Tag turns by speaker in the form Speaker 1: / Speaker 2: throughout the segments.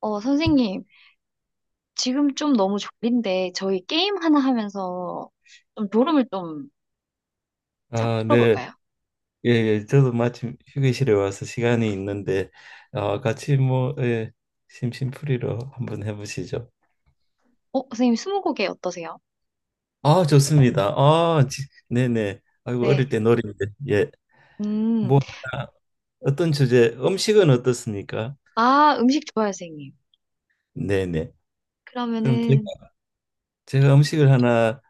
Speaker 1: 선생님, 지금 좀 너무 졸린데, 저희 게임 하나 하면서 좀 졸음을 좀
Speaker 2: 아, 네.
Speaker 1: 풀어볼까요?
Speaker 2: 예, 예. 저도 마침 휴게실에 와서 시간이 있는데 같이 뭐 예, 심심풀이로 한번 해보시죠.
Speaker 1: 선생님, 스무고개 어떠세요?
Speaker 2: 아, 좋습니다. 네네. 아이고
Speaker 1: 네.
Speaker 2: 어릴 때 놀이인데 예.
Speaker 1: 음,
Speaker 2: 뭐 하나, 어떤 주제 음식은 어떻습니까?
Speaker 1: 아, 음식 좋아요, 선생님.
Speaker 2: 네네. 그럼
Speaker 1: 그러면은,
Speaker 2: 제가 음식을 하나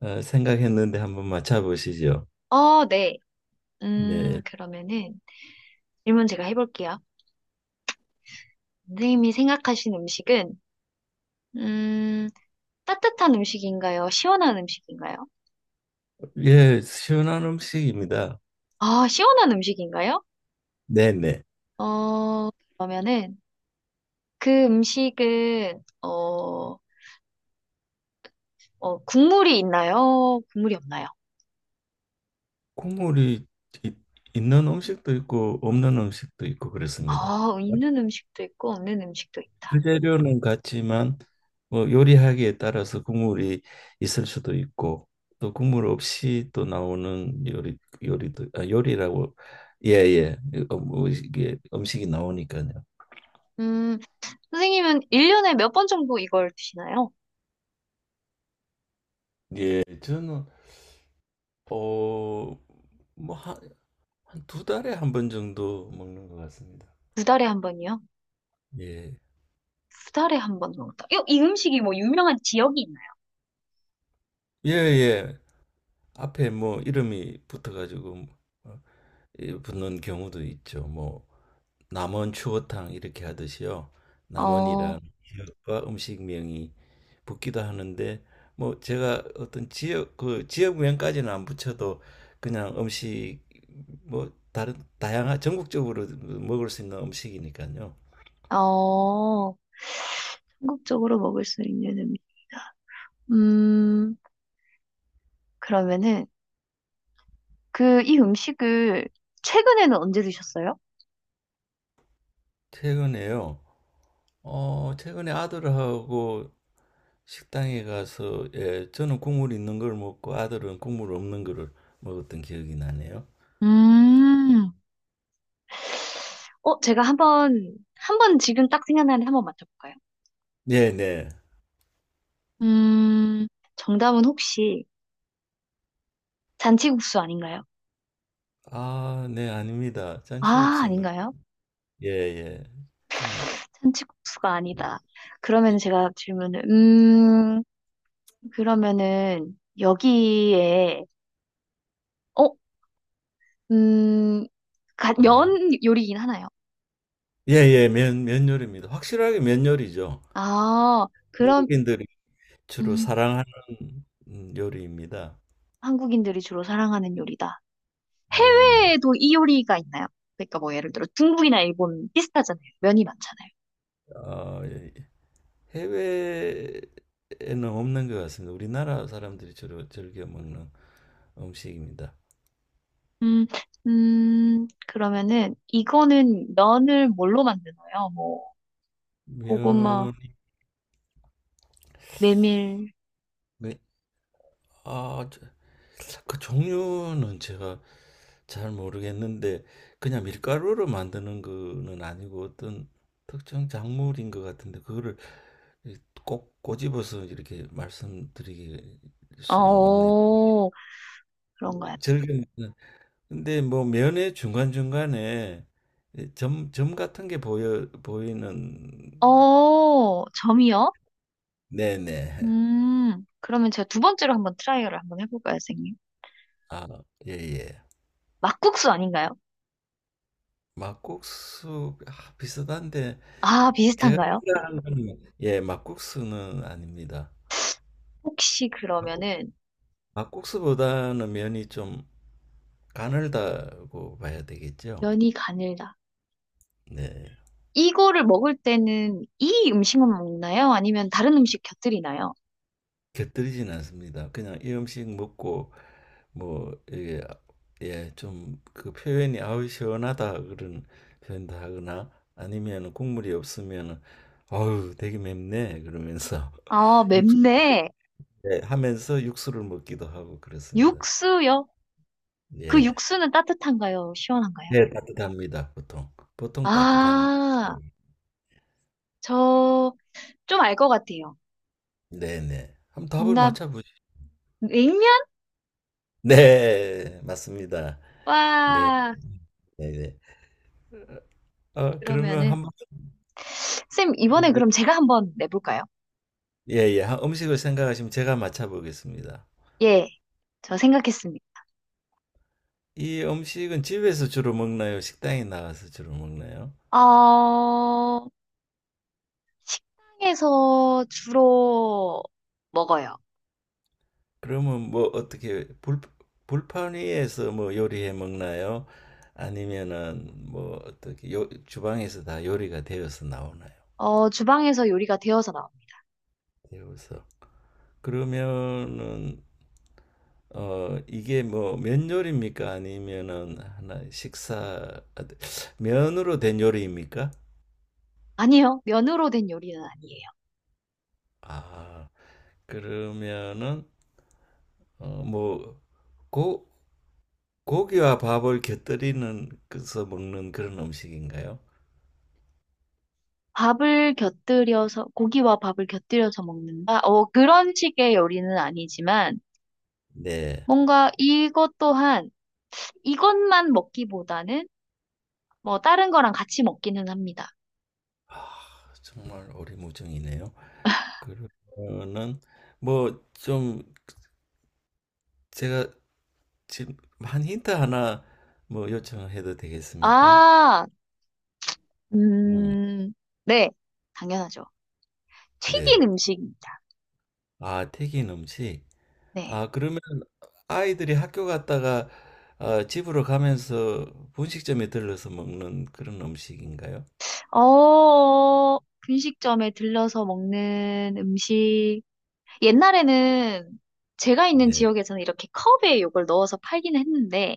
Speaker 2: 생각했는데 한번 맞춰보시죠.
Speaker 1: 네.
Speaker 2: 네.
Speaker 1: 그러면은, 질문 제가 해볼게요. 선생님이 생각하신 음식은, 음, 따뜻한 음식인가요? 시원한 음식인가요?
Speaker 2: 예, 시원한 음식입니다.
Speaker 1: 아, 시원한 음식인가요?
Speaker 2: 네네.
Speaker 1: 어, 그러면은, 그 음식은, 국물이 있나요? 국물이 없나요?
Speaker 2: 국물이 이- 있는 음식도 있고 없는 음식도 있고 그렇습니다.
Speaker 1: 아, 있는 음식도 있고 없는 음식도 있다.
Speaker 2: 주재료는 같지만 뭐 요리하기에 따라서 국물이 있을 수도 있고 또 국물 없이 또 나오는 요리도 아, 요리라고 예예 뭐 이게 음식이 나오니까요.
Speaker 1: 음, 선생님은 1년에 몇 번 정도 이걸 드시나요?
Speaker 2: 예, 저는 어 뭐 한 한 두 달에 한 번 정도 먹는 것 같습니다.
Speaker 1: 두 달에 한 번이요?
Speaker 2: 예.
Speaker 1: 두 달에 한 번 정도. 이 음식이 뭐 유명한 지역이 있나요?
Speaker 2: 예, 예. 앞에 뭐 이름이 붙어가지고 어, 예, 붙는 경우도 있죠. 뭐 남원 추어탕 이렇게 하듯이요. 남원이랑
Speaker 1: 어,
Speaker 2: 지역과 음식명이 붙기도 하는데 뭐 제가 어떤 지역 그 지역명까지는 안 붙여도 그냥 음식 뭐 다른 다양한 전국적으로 먹을 수 있는 음식이니까요.
Speaker 1: 어, 한국적으로 먹을 수 있는 음식이다. 음, 그러면은 그 이 음식을 최근에는 언제 드셨어요?
Speaker 2: 최근에요. 최근에 아들하고 식당에 가서 예, 저는 국물 있는 걸 먹고 아들은 국물 없는 거를 먹었던 기억이 나네요.
Speaker 1: 음, 제가 한번 지금 딱 생각나는데 한번 맞춰볼까요?
Speaker 2: 네, 네.
Speaker 1: 음, 정답은 혹시 잔치국수 아닌가요?
Speaker 2: 아, 네, 아닙니다.
Speaker 1: 아,
Speaker 2: 잔치국수는
Speaker 1: 아닌가요?
Speaker 2: 예, 예. 좀
Speaker 1: 잔치국수가 아니다. 그러면 제가 질문을, 그러면은 여기에, 어, 음,
Speaker 2: 네.
Speaker 1: 면 요리긴 하나요?
Speaker 2: 예, 예. 면 면요리입니다. 확실하게 면요리죠.
Speaker 1: 아, 그럼,
Speaker 2: 한국인들이 주로
Speaker 1: 음,
Speaker 2: 사랑하는 요리입니다.
Speaker 1: 한국인들이 주로 사랑하는 요리다.
Speaker 2: 네, 네.
Speaker 1: 해외에도 이 요리가 있나요? 그러니까 뭐 예를 들어 중국이나 일본 비슷하잖아요. 면이 많잖아요.
Speaker 2: 아 예, 예. 해외에는 없는 것 같습니다. 우리나라 사람들이 주로 즐겨 먹는 음식입니다.
Speaker 1: 음, 그러면은 이거는 면을 뭘로 만드나요? 뭐 고구마,
Speaker 2: 면,
Speaker 1: 메밀,
Speaker 2: 면 아, 저- 그 종류는 제가 잘 모르겠는데 그냥 밀가루로 만드는 거는 아니고 어떤 특정 작물인 것 같은데 그거를 이꼭 꼬집어서 이렇게 말씀드릴 수는 없네요.
Speaker 1: 어, 그런가요?
Speaker 2: 절개는 근데 뭐 면의 중간중간에 점 같은 게 보여 보이는
Speaker 1: 점이요?
Speaker 2: 네네.
Speaker 1: 그러면 제가 두 번째로 한번 트라이얼을 한번 해볼까요, 선생님?
Speaker 2: 아, 예, 예.
Speaker 1: 막국수 아닌가요?
Speaker 2: 막국수 아, 비슷한데
Speaker 1: 아,
Speaker 2: 제가
Speaker 1: 비슷한가요?
Speaker 2: 생각하는 예, 막국수는 아닙니다.
Speaker 1: 혹시
Speaker 2: 막국-
Speaker 1: 그러면은
Speaker 2: 막국수보다는 면이 좀 가늘다고 봐야 되겠죠.
Speaker 1: 면이 가늘다.
Speaker 2: 네.
Speaker 1: 이거를 먹을 때는 이 음식만 먹나요? 아니면 다른 음식 곁들이나요?
Speaker 2: 곁들이진 않습니다. 그냥 이 음식 먹고 뭐 이게 예, 좀 그 표현이 아우 시원하다 그런 표현도 하거나 아니면 국물이 없으면아 되게 맵네 그러면서
Speaker 1: 아,
Speaker 2: 육수
Speaker 1: 맵네.
Speaker 2: 예, 하면서 육수를 먹기도 하고 그렇습니다.
Speaker 1: 육수요? 그
Speaker 2: 예.
Speaker 1: 육수는 따뜻한가요? 시원한가요?
Speaker 2: 네, 따뜻합니다. 보통. 보통 따뜻한
Speaker 1: 아,
Speaker 2: 음.
Speaker 1: 저 좀 알 것 같아요.
Speaker 2: 네네. 한번 답을
Speaker 1: 정답,
Speaker 2: 맞춰 보시.
Speaker 1: 냉면?
Speaker 2: 네, 맞습니다. 네,
Speaker 1: 와,
Speaker 2: 네, 네. 그러면
Speaker 1: 그러면은,
Speaker 2: 한번
Speaker 1: 쌤, 이번에 그럼 제가 한번 내볼까요?
Speaker 2: 예, 예. 한 음식을 생각하시면 제가 맞춰 보겠습니다.
Speaker 1: 예, 저 생각했습니다.
Speaker 2: 이 음식은 집에서 주로 먹나요? 식당에 나가서 주로 먹나요?
Speaker 1: 어, 식당에서 주로 먹어요.
Speaker 2: 그러면 뭐 어떻게 불 불판 위에서 뭐 요리해 먹나요? 아니면은 뭐 어떻게 요 주방에서 다 요리가 되어서 나오나요?
Speaker 1: 주방에서 요리가 되어서 나옵니다.
Speaker 2: 되어서. 그러면은 이게 뭐 면 요리입니까? 아니면은 면으로 된 요리입니까?
Speaker 1: 아니요, 면으로 된 요리는 아니에요.
Speaker 2: 아, 그러면은 뭐 고, 고기와 밥을 곁들이는 그래서 먹는 그런 음식인가요?
Speaker 1: 밥을 곁들여서, 고기와 밥을 곁들여서 먹는다? 그런 식의 요리는 아니지만,
Speaker 2: 네.
Speaker 1: 뭔가 이것 또한 이것만 먹기보다는 뭐 다른 거랑 같이 먹기는 합니다.
Speaker 2: 아, 정말 오리무중이네요. 그러면은 뭐 좀 제가 지금 한 힌트 하나 뭐 요청해도 되겠습니까?
Speaker 1: 아,
Speaker 2: 음,
Speaker 1: 음, 네, 당연하죠.
Speaker 2: 네.
Speaker 1: 튀긴 음식입니다.
Speaker 2: 아, 튀긴 음식.
Speaker 1: 네.
Speaker 2: 아, 그러면 아이들이 학교 갔다가 집으로 가면서 분식점에 들러서 먹는 그런 음식인가요?
Speaker 1: 어, 분식점에 들러서 먹는 음식. 옛날에는 제가 있는
Speaker 2: 네.
Speaker 1: 지역에서는 이렇게 컵에 이걸 넣어서 팔긴 했는데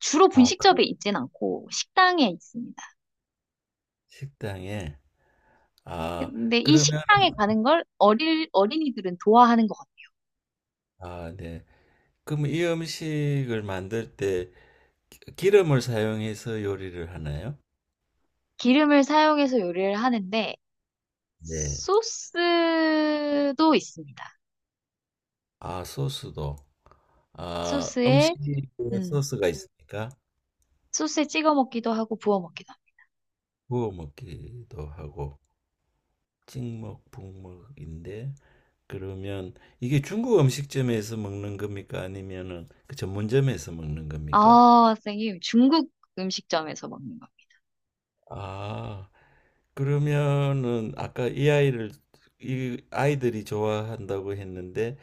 Speaker 1: 주로
Speaker 2: 아, 큰
Speaker 1: 분식점에 있진 않고 식당에 있습니다.
Speaker 2: 식당에. 아,
Speaker 1: 근데 이
Speaker 2: 그러면,
Speaker 1: 식당에 가는 걸 어린이들은 좋아하는 것 같아요.
Speaker 2: 아, 네. 그럼 이 음식을 만들 때 기름을 사용해서 요리를 하나요?
Speaker 1: 기름을 사용해서 요리를 하는데
Speaker 2: 네.
Speaker 1: 소스도 있습니다.
Speaker 2: 아, 소스도. 아,
Speaker 1: 소스에
Speaker 2: 음식에
Speaker 1: 음,
Speaker 2: 소스가 있으니까
Speaker 1: 소스에 찍어 먹기도 하고 부어 먹기도 합니다.
Speaker 2: 구워 먹기도 하고, 찍먹, 북먹인데, 그러면 이게 중국 음식점에서 먹는 겁니까? 아니면은 그 전문점에서 먹는 겁니까?
Speaker 1: 아, 선생님 중국 음식점에서 먹는 겁니다.
Speaker 2: 아, 그러면은 아까 이 아이들이 좋아한다고 했는데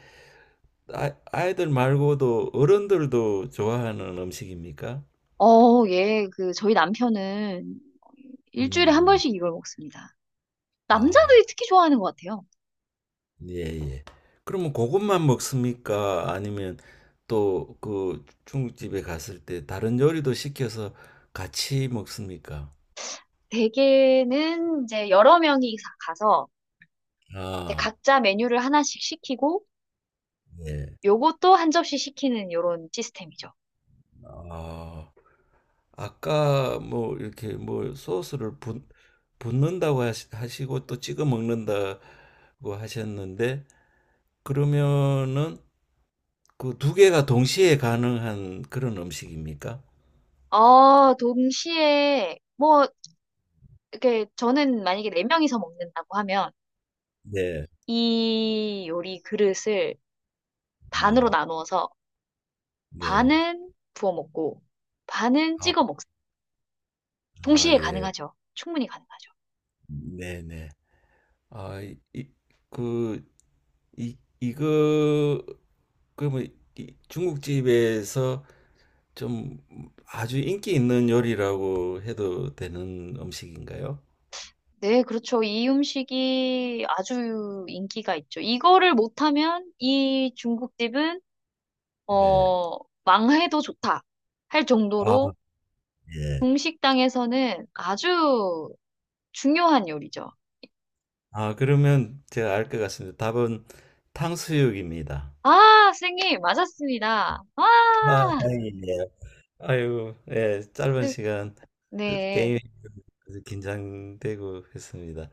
Speaker 2: 아, 아이들 말고도 어른들도 좋아하는 음식입니까?
Speaker 1: 예, 그 저희 남편은 일주일에 한
Speaker 2: 음,
Speaker 1: 번씩 이걸 먹습니다.
Speaker 2: 아,
Speaker 1: 남자들이 특히 좋아하는 것 같아요.
Speaker 2: 예, 예. 그러면 그것만 먹습니까? 아니면 또 그 중국집에 갔을 때 다른 요리도 시켜서 같이 먹습니까?
Speaker 1: 대개는 이제 여러 명이 가서 이제
Speaker 2: 아.
Speaker 1: 각자 메뉴를 하나씩 시키고
Speaker 2: 네.
Speaker 1: 요것도 한 접시 시키는 요런 시스템이죠.
Speaker 2: 아, 아까 뭐 이렇게 뭐 소스를 붓는다고 하시고 또 찍어 먹는다고 하셨는데 그러면은 그 두 개가 동시에 가능한 그런 음식입니까?
Speaker 1: 아, 동시에 뭐 이게 저는 만약에 네 명이서 먹는다고 하면
Speaker 2: 네,
Speaker 1: 이 요리 그릇을 반으로
Speaker 2: 네,
Speaker 1: 나누어서
Speaker 2: 네.
Speaker 1: 반은 부어 먹고 반은
Speaker 2: 아,
Speaker 1: 찍어 먹,
Speaker 2: 아,
Speaker 1: 동시에
Speaker 2: 예.
Speaker 1: 가능하죠. 충분히 가능하죠.
Speaker 2: 네, 네. 아, 그, 이, 이거, 그러면 이 중국집에서 좀 아주 인기 있는 요리라고 해도 되는 음식인가요?
Speaker 1: 네, 그렇죠. 이 음식이 아주 인기가 있죠. 이거를 못하면 이 중국집은
Speaker 2: 네.
Speaker 1: 어, 망해도 좋다 할
Speaker 2: 아,
Speaker 1: 정도로
Speaker 2: 예.
Speaker 1: 중식당에서는 아주 중요한 요리죠.
Speaker 2: 아, 그러면 제가 알 것 같습니다. 답은 탕수육입니다.
Speaker 1: 아, 선생님, 맞았습니다. 아.
Speaker 2: 아, 다행이네요. 아이고, 예, 짧은
Speaker 1: 네,
Speaker 2: 시간
Speaker 1: 네.
Speaker 2: 게임이 아주 긴장되고 했습니다.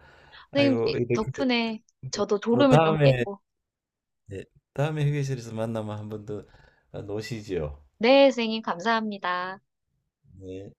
Speaker 1: 선생님
Speaker 2: 아이고, 이렇게
Speaker 1: 덕분에 저도
Speaker 2: 또
Speaker 1: 졸음을 좀
Speaker 2: 다음에,
Speaker 1: 깼고.
Speaker 2: 예, 다음에 휴게실에서 만나면 한 번 더 노시죠
Speaker 1: 네, 선생님 감사합니다.
Speaker 2: 네.